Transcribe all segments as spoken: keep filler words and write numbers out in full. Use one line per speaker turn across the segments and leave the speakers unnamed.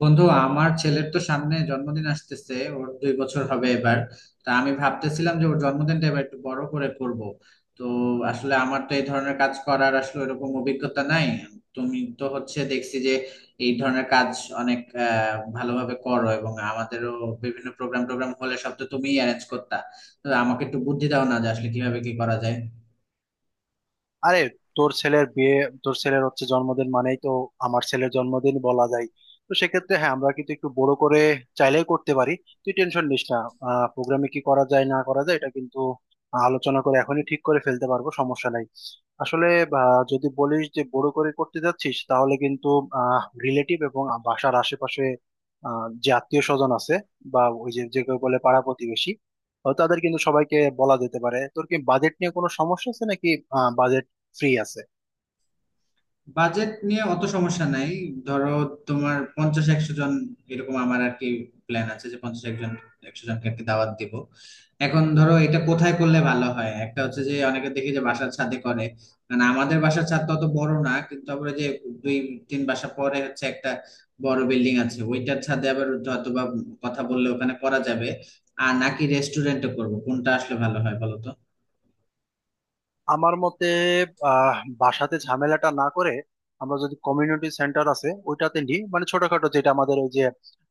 বন্ধু, আমার ছেলের তো সামনে জন্মদিন আসতেছে। ওর দুই বছর হবে এবার। তা আমি ভাবতেছিলাম যে ওর জন্মদিনটা এবার একটু বড় করে করব। তো আসলে আমার তো এই ধরনের কাজ করার আসলে এরকম অভিজ্ঞতা নাই। তুমি তো হচ্ছে দেখছি যে এই ধরনের কাজ অনেক আহ ভালোভাবে করো, এবং আমাদেরও বিভিন্ন প্রোগ্রাম টোগ্রাম হলে সব তো তুমিই অ্যারেঞ্জ করতা। তো আমাকে একটু বুদ্ধি দাও না, যে আসলে কিভাবে কি করা যায়।
আরে, তোর ছেলের বিয়ে, তোর ছেলের হচ্ছে জন্মদিন মানেই তো আমার ছেলের জন্মদিন বলা যায়। তো সেক্ষেত্রে হ্যাঁ, আমরা কিন্তু একটু বড় করে চাইলেই করতে পারি। তুই টেনশন নিস না। আহ প্রোগ্রামে কি করা যায় না করা যায় এটা কিন্তু আলোচনা করে এখনই ঠিক করে ফেলতে পারবো, সমস্যা নাই। আসলে আহ, যদি বলিস যে বড় করে করতে যাচ্ছিস তাহলে কিন্তু আহ রিলেটিভ এবং বাসার আশেপাশে আহ যে আত্মীয় স্বজন আছে, বা ওই যে যে কেউ বলে পাড়া প্রতিবেশী, তো তাদের কিন্তু সবাইকে বলা যেতে পারে। তোর কি বাজেট নিয়ে কোনো সমস্যা আছে নাকি ফ্রি আছে?
বাজেট নিয়ে অত সমস্যা নাই। ধরো তোমার পঞ্চাশ একশো জন, এরকম আমার আর কি প্ল্যান আছে, যে পঞ্চাশ একজন একশো জনকে আর কি দাওয়াত দিব। এখন ধরো এটা কোথায় করলে ভালো হয়? একটা হচ্ছে যে অনেকে দেখি যে বাসার ছাদে করে। মানে আমাদের বাসার ছাদ তো অত বড় না, কিন্তু তারপরে যে দুই তিন বাসা পরে হচ্ছে একটা বড় বিল্ডিং আছে, ওইটার ছাদে আবার হয়তো বা কথা বললে ওখানে করা যাবে। আর নাকি রেস্টুরেন্টে করবো? কোনটা আসলে ভালো হয় বলো তো?
আমার মতে আহ বাসাতে ঝামেলাটা না করে আমরা যদি কমিউনিটি সেন্টার আছে ওইটাতে নিই, মানে ছোটখাটো যেটা আমাদের ওই যে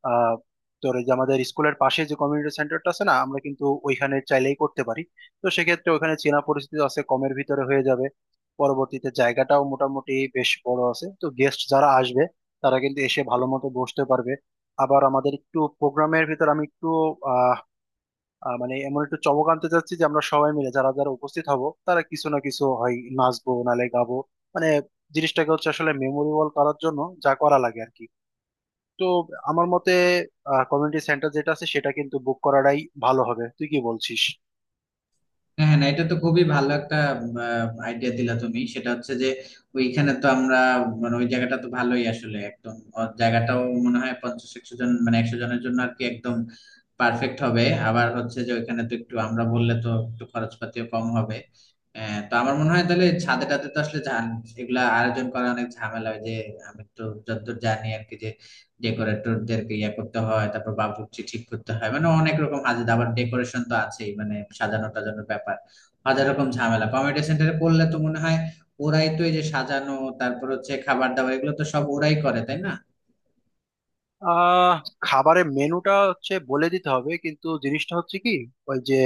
আহ তোর ওই যে আমাদের স্কুলের পাশে যে কমিউনিটি সেন্টারটা আছে না, আমরা কিন্তু ওইখানে চাইলেই করতে পারি। তো সেক্ষেত্রে ওখানে চেনা পরিস্থিতি আছে, কমের ভিতরে হয়ে যাবে। পরবর্তীতে জায়গাটাও মোটামুটি বেশ বড় আছে, তো গেস্ট যারা আসবে তারা কিন্তু এসে ভালো মতো বসতে পারবে। আবার আমাদের একটু প্রোগ্রামের ভিতর আমি একটু আহ, মানে এমন একটা চমক আনতে চাচ্ছি যে আমরা সবাই মিলে যারা যারা উপস্থিত হব তারা কিছু না কিছু হয় নাচবো নালে গাবো, মানে জিনিসটাকে হচ্ছে আসলে মেমোরেবল করার জন্য যা করা লাগে আর কি। তো আমার মতে কমিউনিটি সেন্টার যেটা আছে সেটা কিন্তু বুক করাটাই ভালো হবে। তুই কি বলছিস?
হ্যাঁ, হ্যাঁ, না, এটা তো খুবই ভালো একটা আইডিয়া দিলা তুমি। সেটা হচ্ছে যে ওইখানে তো আমরা, মানে ওই জায়গাটা তো ভালোই আসলে একদম অ- জায়গাটাও মনে হয় পঞ্চাশ একশো জন মানে একশো জনের জন্য আর কি একদম পারফেক্ট হবে। আবার হচ্ছে যে ওইখানে তো একটু আমরা বললে তো একটু খরচপাতিও কম হবে। আহ, তো আমার মনে হয় তাহলে ছাদে টাদে তো আসলে ঝাম- এগুলা আয়োজন করা অনেক ঝামেলা হয় যে, আমি তো যতদূর জানি আর কি, যে ডেকোরেটরদেরকে ইয়ে করতে হয়, তারপর বাবুর্চি ঠিক করতে হয়, মানে অনেক রকম হাজার আবার ডেকোরেশন তো আছেই, মানে সাজানো টাজানোর ব্যাপার হাজার রকম ঝামেলা। কমিউনিটি সেন্টারে করলে তো মনে হয় ওরাই তো এই যে সাজানো, তারপর হচ্ছে খাবার দাবার এগুলো তো সব ওরাই করে, তাই না?
আহ খাবারের মেনুটা হচ্ছে বলে দিতে হবে, কিন্তু জিনিসটা হচ্ছে কি, ওই যে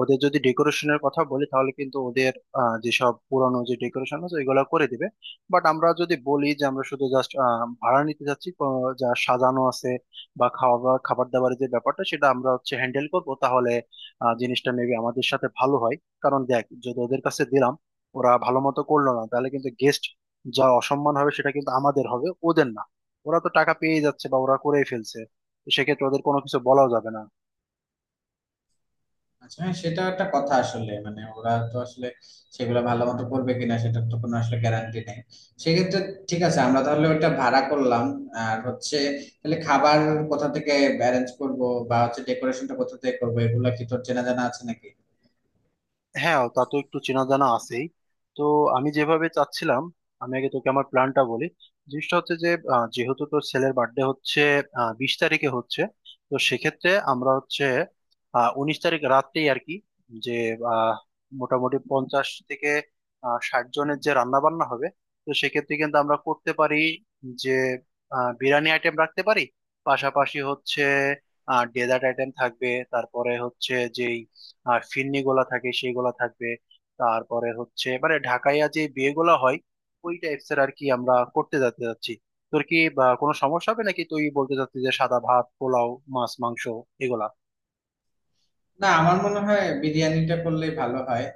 ওদের যদি ডেকোরেশনের কথা বলি তাহলে কিন্তু ওদের আহ, যেসব পুরানো যে ডেকোরেশন আছে এগুলো করে দিবে। বাট আমরা যদি বলি যে আমরা শুধু জাস্ট ভাড়া নিতে যাচ্ছি, তো যা সাজানো আছে, বা খাওয়া খাবার দাবারের যে ব্যাপারটা সেটা আমরা হচ্ছে হ্যান্ডেল করবো, তাহলে আহ, জিনিসটা মেবি আমাদের সাথে ভালো হয়। কারণ দেখ, যদি ওদের কাছে দিলাম, ওরা ভালো মতো করলো না, তাহলে কিন্তু গেস্ট যা অসম্মান হবে সেটা কিন্তু আমাদের হবে, ওদের না। ওরা তো টাকা পেয়ে যাচ্ছে বা ওরা করেই ফেলছে, তো সেক্ষেত্রে ওদের কোনো কিছু বলাও যাবে না।
আচ্ছা, হ্যাঁ, সেটা একটা কথা আসলে। মানে ওরা তো আসলে সেগুলো ভালো মতো করবে কিনা সেটার তো কোনো আসলে গ্যারান্টি নেই। সেক্ষেত্রে ঠিক আছে, আমরা তাহলে ওটা ভাড়া করলাম। আর হচ্ছে, তাহলে খাবার কোথা থেকে অ্যারেঞ্জ করব, বা হচ্ছে ডেকোরেশনটা কোথা থেকে করবো, এগুলো কি তোর চেনা জানা আছে নাকি?
হ্যাঁ, তা তো একটু চেনা জানা আছেই। তো আমি যেভাবে চাচ্ছিলাম, আমি আগে তোকে আমার প্ল্যানটা বলি। জিনিসটা হচ্ছে যে আহ, যেহেতু তোর ছেলের বার্থডে হচ্ছে আহ, বিশ তারিখে হচ্ছে, তো সেক্ষেত্রে আমরা হচ্ছে আহ, উনিশ তারিখ রাত্রেই আর কি, যে আহ, মোটামুটি পঞ্চাশ থেকে আহ, ষাট জনের যে রান্না বান্না হবে, তো সেক্ষেত্রে কিন্তু আমরা করতে পারি যে আহ, বিরিয়ানি আইটেম রাখতে পারি। পাশাপাশি হচ্ছে ডেজার্ট আইটেম থাকবে, তারপরে হচ্ছে যেই আর ফিরনি গোলা থাকে সেই গোলা থাকবে। তারপরে হচ্ছে মানে ঢাকাইয়া যে বিয়ে গোলা হয়, ওই টাইপস এর আর কি আমরা করতে যেতে যাচ্ছি। তোর কি বা কোনো সমস্যা হবে নাকি? তুই বলতে চাচ্ছিস যে সাদা ভাত পোলাও, মাছ মাংস, এগুলা?
না, আমার মনে হয় বিরিয়ানিটা করলেই ভালো হয়।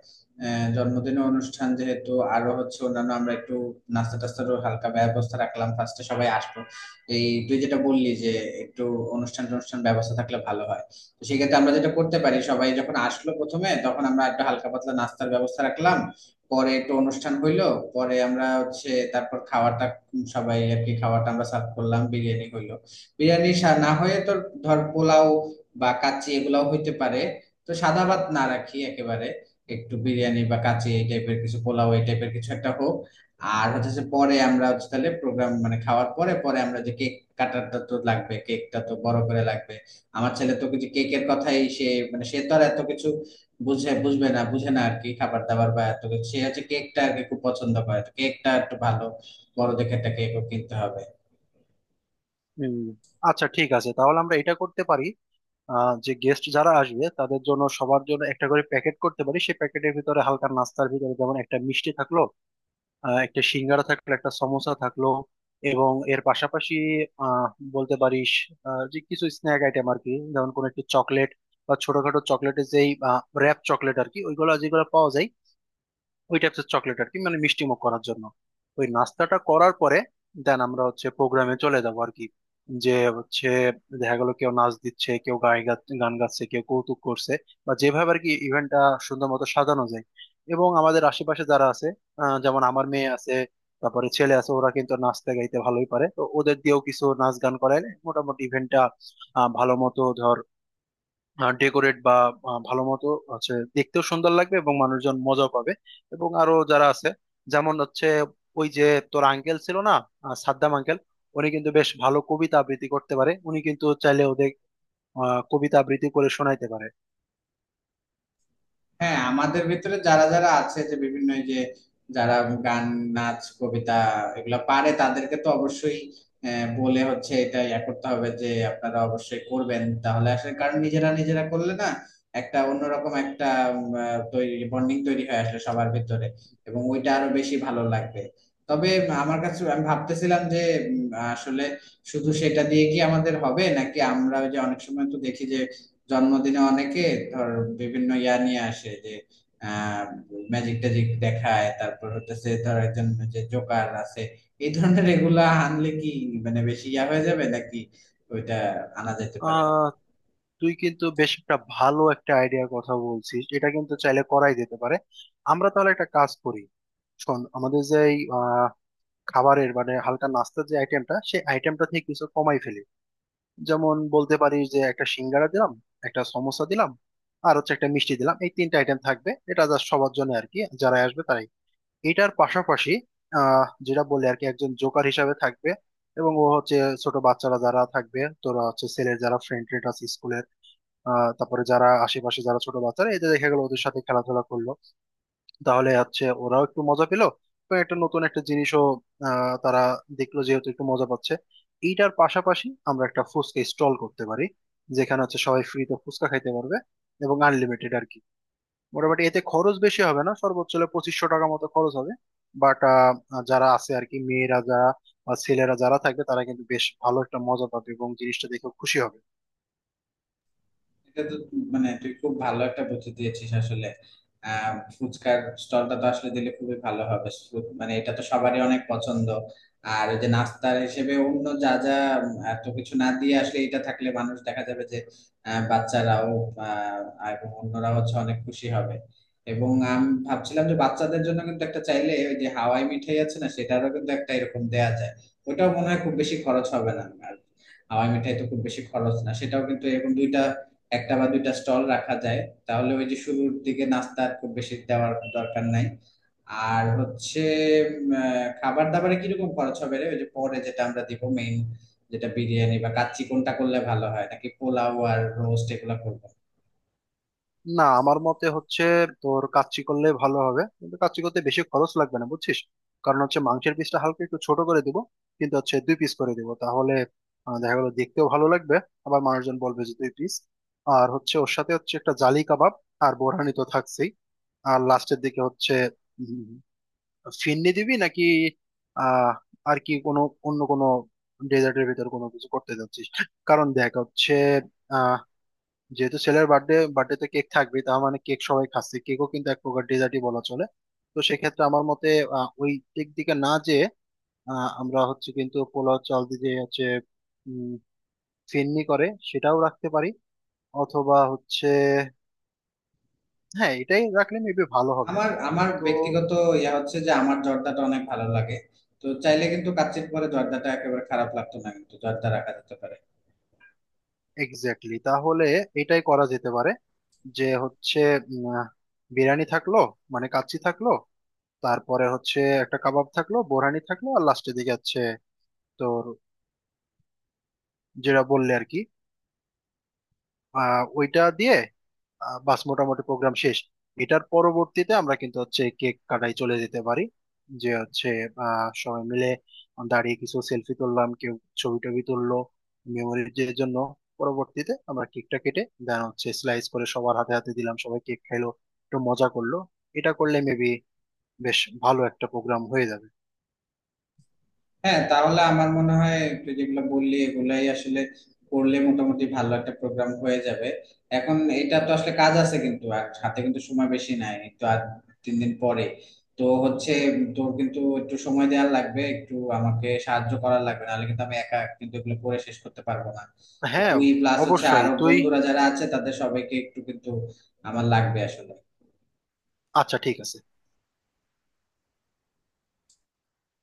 আহ, জন্মদিনের অনুষ্ঠান যেহেতু, আরো হচ্ছে অন্যান্য আমরা একটু নাস্তা টাস্তারও হালকা ব্যবস্থা রাখলাম, ফার্স্টে সবাই আসবো। এই তুই যেটা বললি যে একটু অনুষ্ঠান অনুষ্ঠান ব্যবস্থা থাকলে ভালো হয়, তো সেক্ষেত্রে আমরা যেটা করতে পারি, সবাই যখন আসলো প্রথমে তখন আমরা একটা হালকা পাতলা নাস্তার ব্যবস্থা রাখলাম, পরে একটু অনুষ্ঠান হইলো, পরে আমরা হচ্ছে তারপর খাওয়াটা, উম সবাই আর কি খাওয়াটা আমরা সার্ভ করলাম, বিরিয়ানি হইলো। বিরিয়ানি সা- না হয়ে তোর ধর পোলাও বা কাচ্চি এগুলাও হইতে পারে। তো সাদা ভাত না রাখি একেবারে, একটু বিরিয়ানি বা কাচ্চি এই টাইপের কিছু, পোলাও এই টাইপের কিছু একটা হোক। আর হচ্ছে যে পরে আমরা হচ্ছে তাহলে প্রোগ্রাম মানে খাওয়ার পরে পরে আমরা যে কেক কাটারটা তো লাগবে, কেকটা তো বড় করে লাগবে। আমার ছেলে তো কিছু কেকের কথাই, সে মানে সে তো আর এত কিছু বুঝে বুঝবে না, বুঝে না আর কি খাবার দাবার বা এত কিছু, সে হচ্ছে কেকটা আর কি খুব পছন্দ করে, তো কেকটা একটু ভালো বড় দেখে একটা কেকও কিনতে হবে।
হুম, আচ্ছা ঠিক আছে, তাহলে আমরা এটা করতে পারি। আহ, যে গেস্ট যারা আসবে তাদের জন্য সবার জন্য একটা করে প্যাকেট করতে পারি। সেই প্যাকেটের ভিতরে হালকা নাস্তার ভিতরে যেমন একটা মিষ্টি থাকলো, আহ, একটা সিঙ্গারা থাকলো, একটা সমোসা থাকলো, এবং এর পাশাপাশি আহ বলতে পারিস আহ, যে কিছু স্ন্যাক আইটেম আর কি, যেমন কোনো একটু চকলেট বা ছোটখাটো চকলেটের যেই র্যাপ চকলেট আর কি, ওইগুলো যেগুলো পাওয়া যায়, ওই টাইপের চকলেট আর কি, মানে মিষ্টিমুখ করার জন্য। ওই নাস্তাটা করার পরে দেন আমরা হচ্ছে প্রোগ্রামে চলে যাবো আর কি, যে হচ্ছে দেখা গেল কেউ নাচ দিচ্ছে, কেউ গাই গা- গান গাচ্ছে, কেউ কৌতুক করছে, বা যেভাবে আর কি ইভেন্টটা সুন্দর মতো সাজানো যায়। এবং আমাদের আশেপাশে যারা আছে আহ, যেমন আমার মেয়ে আছে, তারপরে ছেলে আছে, ওরা কিন্তু নাচতে গাইতে ভালোই পারে, তো ওদের দিয়েও কিছু নাচ গান করাইলে মোটামুটি ইভেন্টটা ভালো মতো ধর ডেকোরেট বা আহ, ভালো মতো হচ্ছে দেখতেও সুন্দর লাগবে এবং মানুষজন মজাও পাবে। এবং আরো যারা আছে, যেমন হচ্ছে ওই যে তোর আঙ্কেল ছিল না, আহ, সাদ্দাম আঙ্কেল, উনি কিন্তু বেশ ভালো কবিতা আবৃত্তি করতে পারে, উনি কিন্তু চাইলে ওদের আহ, কবিতা আবৃত্তি করে শোনাইতে পারে।
হ্যাঁ, আমাদের ভিতরে যারা যারা আছে, যে বিভিন্ন এই যে যারা গান, নাচ, কবিতা এগুলা পারে তাদেরকে তো অবশ্যই আহ, বলে হচ্ছে এটা ইয়া করতে হবে, যে আপনারা অবশ্যই করবেন, তাহলে আসলে কারণ নিজেরা নিজেরা করলে না একটা অন্যরকম একটা উম, আহ, তৈরি বন্ডিং তৈরি হয়ে আসলে সবার ভিতরে, এবং ওইটা আরো বেশি ভালো লাগবে। তবে আমার কাছে আমি ভাবতেছিলাম যে উম, আসলে শুধু সেটা দিয়ে কি আমাদের হবে, নাকি আমরা ওই যে অনেক সময় তো দেখি যে জন্মদিনে অনেকে ধর বিভিন্ন ইয়া নিয়ে আসে, যে ম্যাজিক ট্যাজিক দেখায়, তারপর হচ্ছে ধর একজন যে জোকার আছে, এই ধরনের এগুলা আনলে কি মানে বেশি ইয়া হয়ে যাবে নাকি? ওইটা আনা যেতে পারে।
আহ তুই কিন্তু বেশ একটা ভালো একটা আইডিয়ার কথা বলছিস, এটা কিন্তু চাইলে করাই যেতে পারে। আমরা তাহলে একটা কাজ করি, শোন। আমাদের যে এই, আহ, খাবারের মানে হালকা নাস্তার যে আইটেমটা, সেই আইটেমটা থেকে কিছু কমাই ফেলি। যেমন বলতে পারিস, যে একটা সিঙ্গারা দিলাম, একটা সমোসা দিলাম, আর হচ্ছে একটা মিষ্টি দিলাম, এই তিনটা আইটেম থাকবে। এটা জাস্ট সবার জন্য আর কি যারা আসবে তারাই। এটার পাশাপাশি আহ যেটা বললে আর কি একজন জোকার হিসাবে থাকবে। এবং ও হচ্ছে ছোট বাচ্চারা যারা থাকবে, তোরা হচ্ছে ছেলের যারা ফ্রেন্ড ট্রেন্ড আছে স্কুলের, আহ তারপরে যারা আশেপাশে যারা ছোট বাচ্চারা, এদের দেখা গেলো ওদের সাথে খেলাধুলা করলো, তাহলে হচ্ছে ওরাও একটু মজা পেলো এবং একটা নতুন একটা জিনিসও আহ, তারা দেখলো, যেহেতু একটু মজা পাচ্ছে। এইটার পাশাপাশি আমরা একটা ফুচকা স্টল করতে পারি, যেখানে হচ্ছে সবাই ফ্রিতে ফুচকা খাইতে পারবে এবং আনলিমিটেড আর কি। মোটামুটি এতে খরচ বেশি হবে না, সর্বোচ্চ হলে পঁচিশশো টাকা মতো খরচ হবে। বাট যারা আছে আর কি, মেয়েরা যারা বা ছেলেরা যারা থাকবে, তারা কিন্তু বেশ ভালো একটা মজা পাবে এবং জিনিসটা দেখে খুশি হবে।
এটা তো মানে তুই খুব ভালো একটা বুদ্ধি দিয়েছিস আসলে। আহ ফুচকার স্টলটা তো আসলে দিলে খুবই ভালো হবে, সু- মানে এটা তো সবারই অনেক পছন্দ। আর ওই যে নাস্তার হিসেবে অন্য যা যা, উম, এত কিছু না দিয়ে আসলে এটা থাকলে মানুষ দেখা যাবে যে আহ, বাচ্চারাও আহ, এবং অন্যরাও হচ্ছে অনেক খুশি হবে। এবং আমি ভাবছিলাম যে বাচ্চাদের জন্য কিন্তু একটা চাইলে ওই যে হাওয়াই মিঠাই আছে না, সেটারও কিন্তু একটা এরকম দেয়া যায়। ওটাও মনে হয় খুব বেশি খরচ হবে না, আর হাওয়াই মিঠাই তো খুব বেশি খরচ না, সেটাও কিন্তু এরকম দুইটা, একটা বা দুইটা স্টল রাখা যায়। তাহলে ওই যে শুরুর দিকে নাস্তা আর খুব বেশি দেওয়ার দরকার নাই। আর হচ্ছে উম, আহ, খাবার দাবারে কিরকম খরচ হবে রে? ওই যে পরে যেটা আমরা দিব মেইন, যেটা বিরিয়ানি বা কাচ্চি কোনটা করলে ভালো হয়, নাকি পোলাও আর রোস্ট এগুলো করবো?
না, আমার মতে হচ্ছে তোর কাচ্চি করলে ভালো হবে, কিন্তু কাচ্চি করতে বেশি খরচ লাগবে না বুঝছিস। কারণ হচ্ছে মাংসের পিসটা হালকা একটু ছোট করে দিব, কিন্তু হচ্ছে দুই পিস করে দিব, তাহলে আহ, দেখা গেলো দেখতেও ভালো লাগবে, আবার মানুষজন বলবে যে দুই পিস। আর হচ্ছে ওর সাথে হচ্ছে একটা জালি কাবাব, আর বোরহানি তো থাকছেই। আর লাস্টের দিকে হচ্ছে উম, ফিরনি দিবি নাকি? আহ আর কি কোনো অন্য কোনো ডেজার্টের ভিতর কোনো কিছু করতে যাচ্ছিস? কারণ দেখ হচ্ছে, যেহেতু ছেলের বার্থডে বার্থডে তে কেক থাকবে, তার মানে কেক সবাই খাচ্ছে, কেকও কিন্তু এক প্রকার ডেজার্টই বলা চলে। তো সেক্ষেত্রে আমার মতে আহ, ওই কেক দিকে না যে আমরা হচ্ছে কিন্তু পোলাও চাল দিয়ে যে হচ্ছে উম, ফেননি করে সেটাও রাখতে পারি। অথবা হচ্ছে হ্যাঁ, এটাই রাখলে মেবি ভালো হবে।
আমার আমার
তো
ব্যক্তিগত ইয়া হচ্ছে যে আমার জর্দাটা অনেক ভালো লাগে, তো চাইলে কিন্তু কাচ্চির পরে জর্দাটা একেবারে খারাপ লাগতো না, কিন্তু জর্দা রাখা যেতে পারে।
এক্স্যাক্টলি, তাহলে এটাই করা যেতে পারে। যে হচ্ছে উম, আহ, বিরিয়ানি থাকলো, মানে কাচ্চি থাকলো, তারপরে হচ্ছে একটা কাবাব থাকলো, বোরহানি থাকলো, আর লাস্টের দিকে আছে যেটা বললে আর কি আহ, ওইটা দিয়ে আহ, বাস মোটামুটি প্রোগ্রাম শেষ। এটার পরবর্তীতে আমরা কিন্তু হচ্ছে কেক কাটাই চলে যেতে পারি, যে হচ্ছে আহ, সবাই মিলে দাঁড়িয়ে কিছু সেলফি তুললাম, কেউ ছবি টবি তুললো মেমোরির জন্য। পরবর্তীতে আমরা কেকটা কেটে দেন হচ্ছে স্লাইস করে সবার হাতে হাতে দিলাম, সবাই কেক খাইলো, একটু মজা করলো। এটা করলে মেবি বেশ ভালো একটা প্রোগ্রাম হয়ে যাবে।
হ্যাঁ, তাহলে আমার মনে হয় তুই যেগুলো বললি এগুলাই আসলে করলে মোটামুটি ভালো একটা প্রোগ্রাম হয়ে যাবে। এখন এটা তো আসলে কাজ আছে কিন্তু, আর হাতে কিন্তু সময় বেশি নাই, এই তো আর তিন দিন পরে। তো হচ্ছে তোর কিন্তু একটু সময় দেওয়া লাগবে, একটু আমাকে সাহায্য করার লাগবে, নাহলে কিন্তু আমি একা কিন্তু এগুলো করে শেষ করতে পারবো না। তো
হ্যাঁ,
তুই প্লাস হচ্ছে
অবশ্যই
আরো
তুই,
বন্ধুরা যারা আছে, তাদের সবাইকে একটু কিন্তু আমার লাগবে আসলে।
আচ্ছা ঠিক আছে।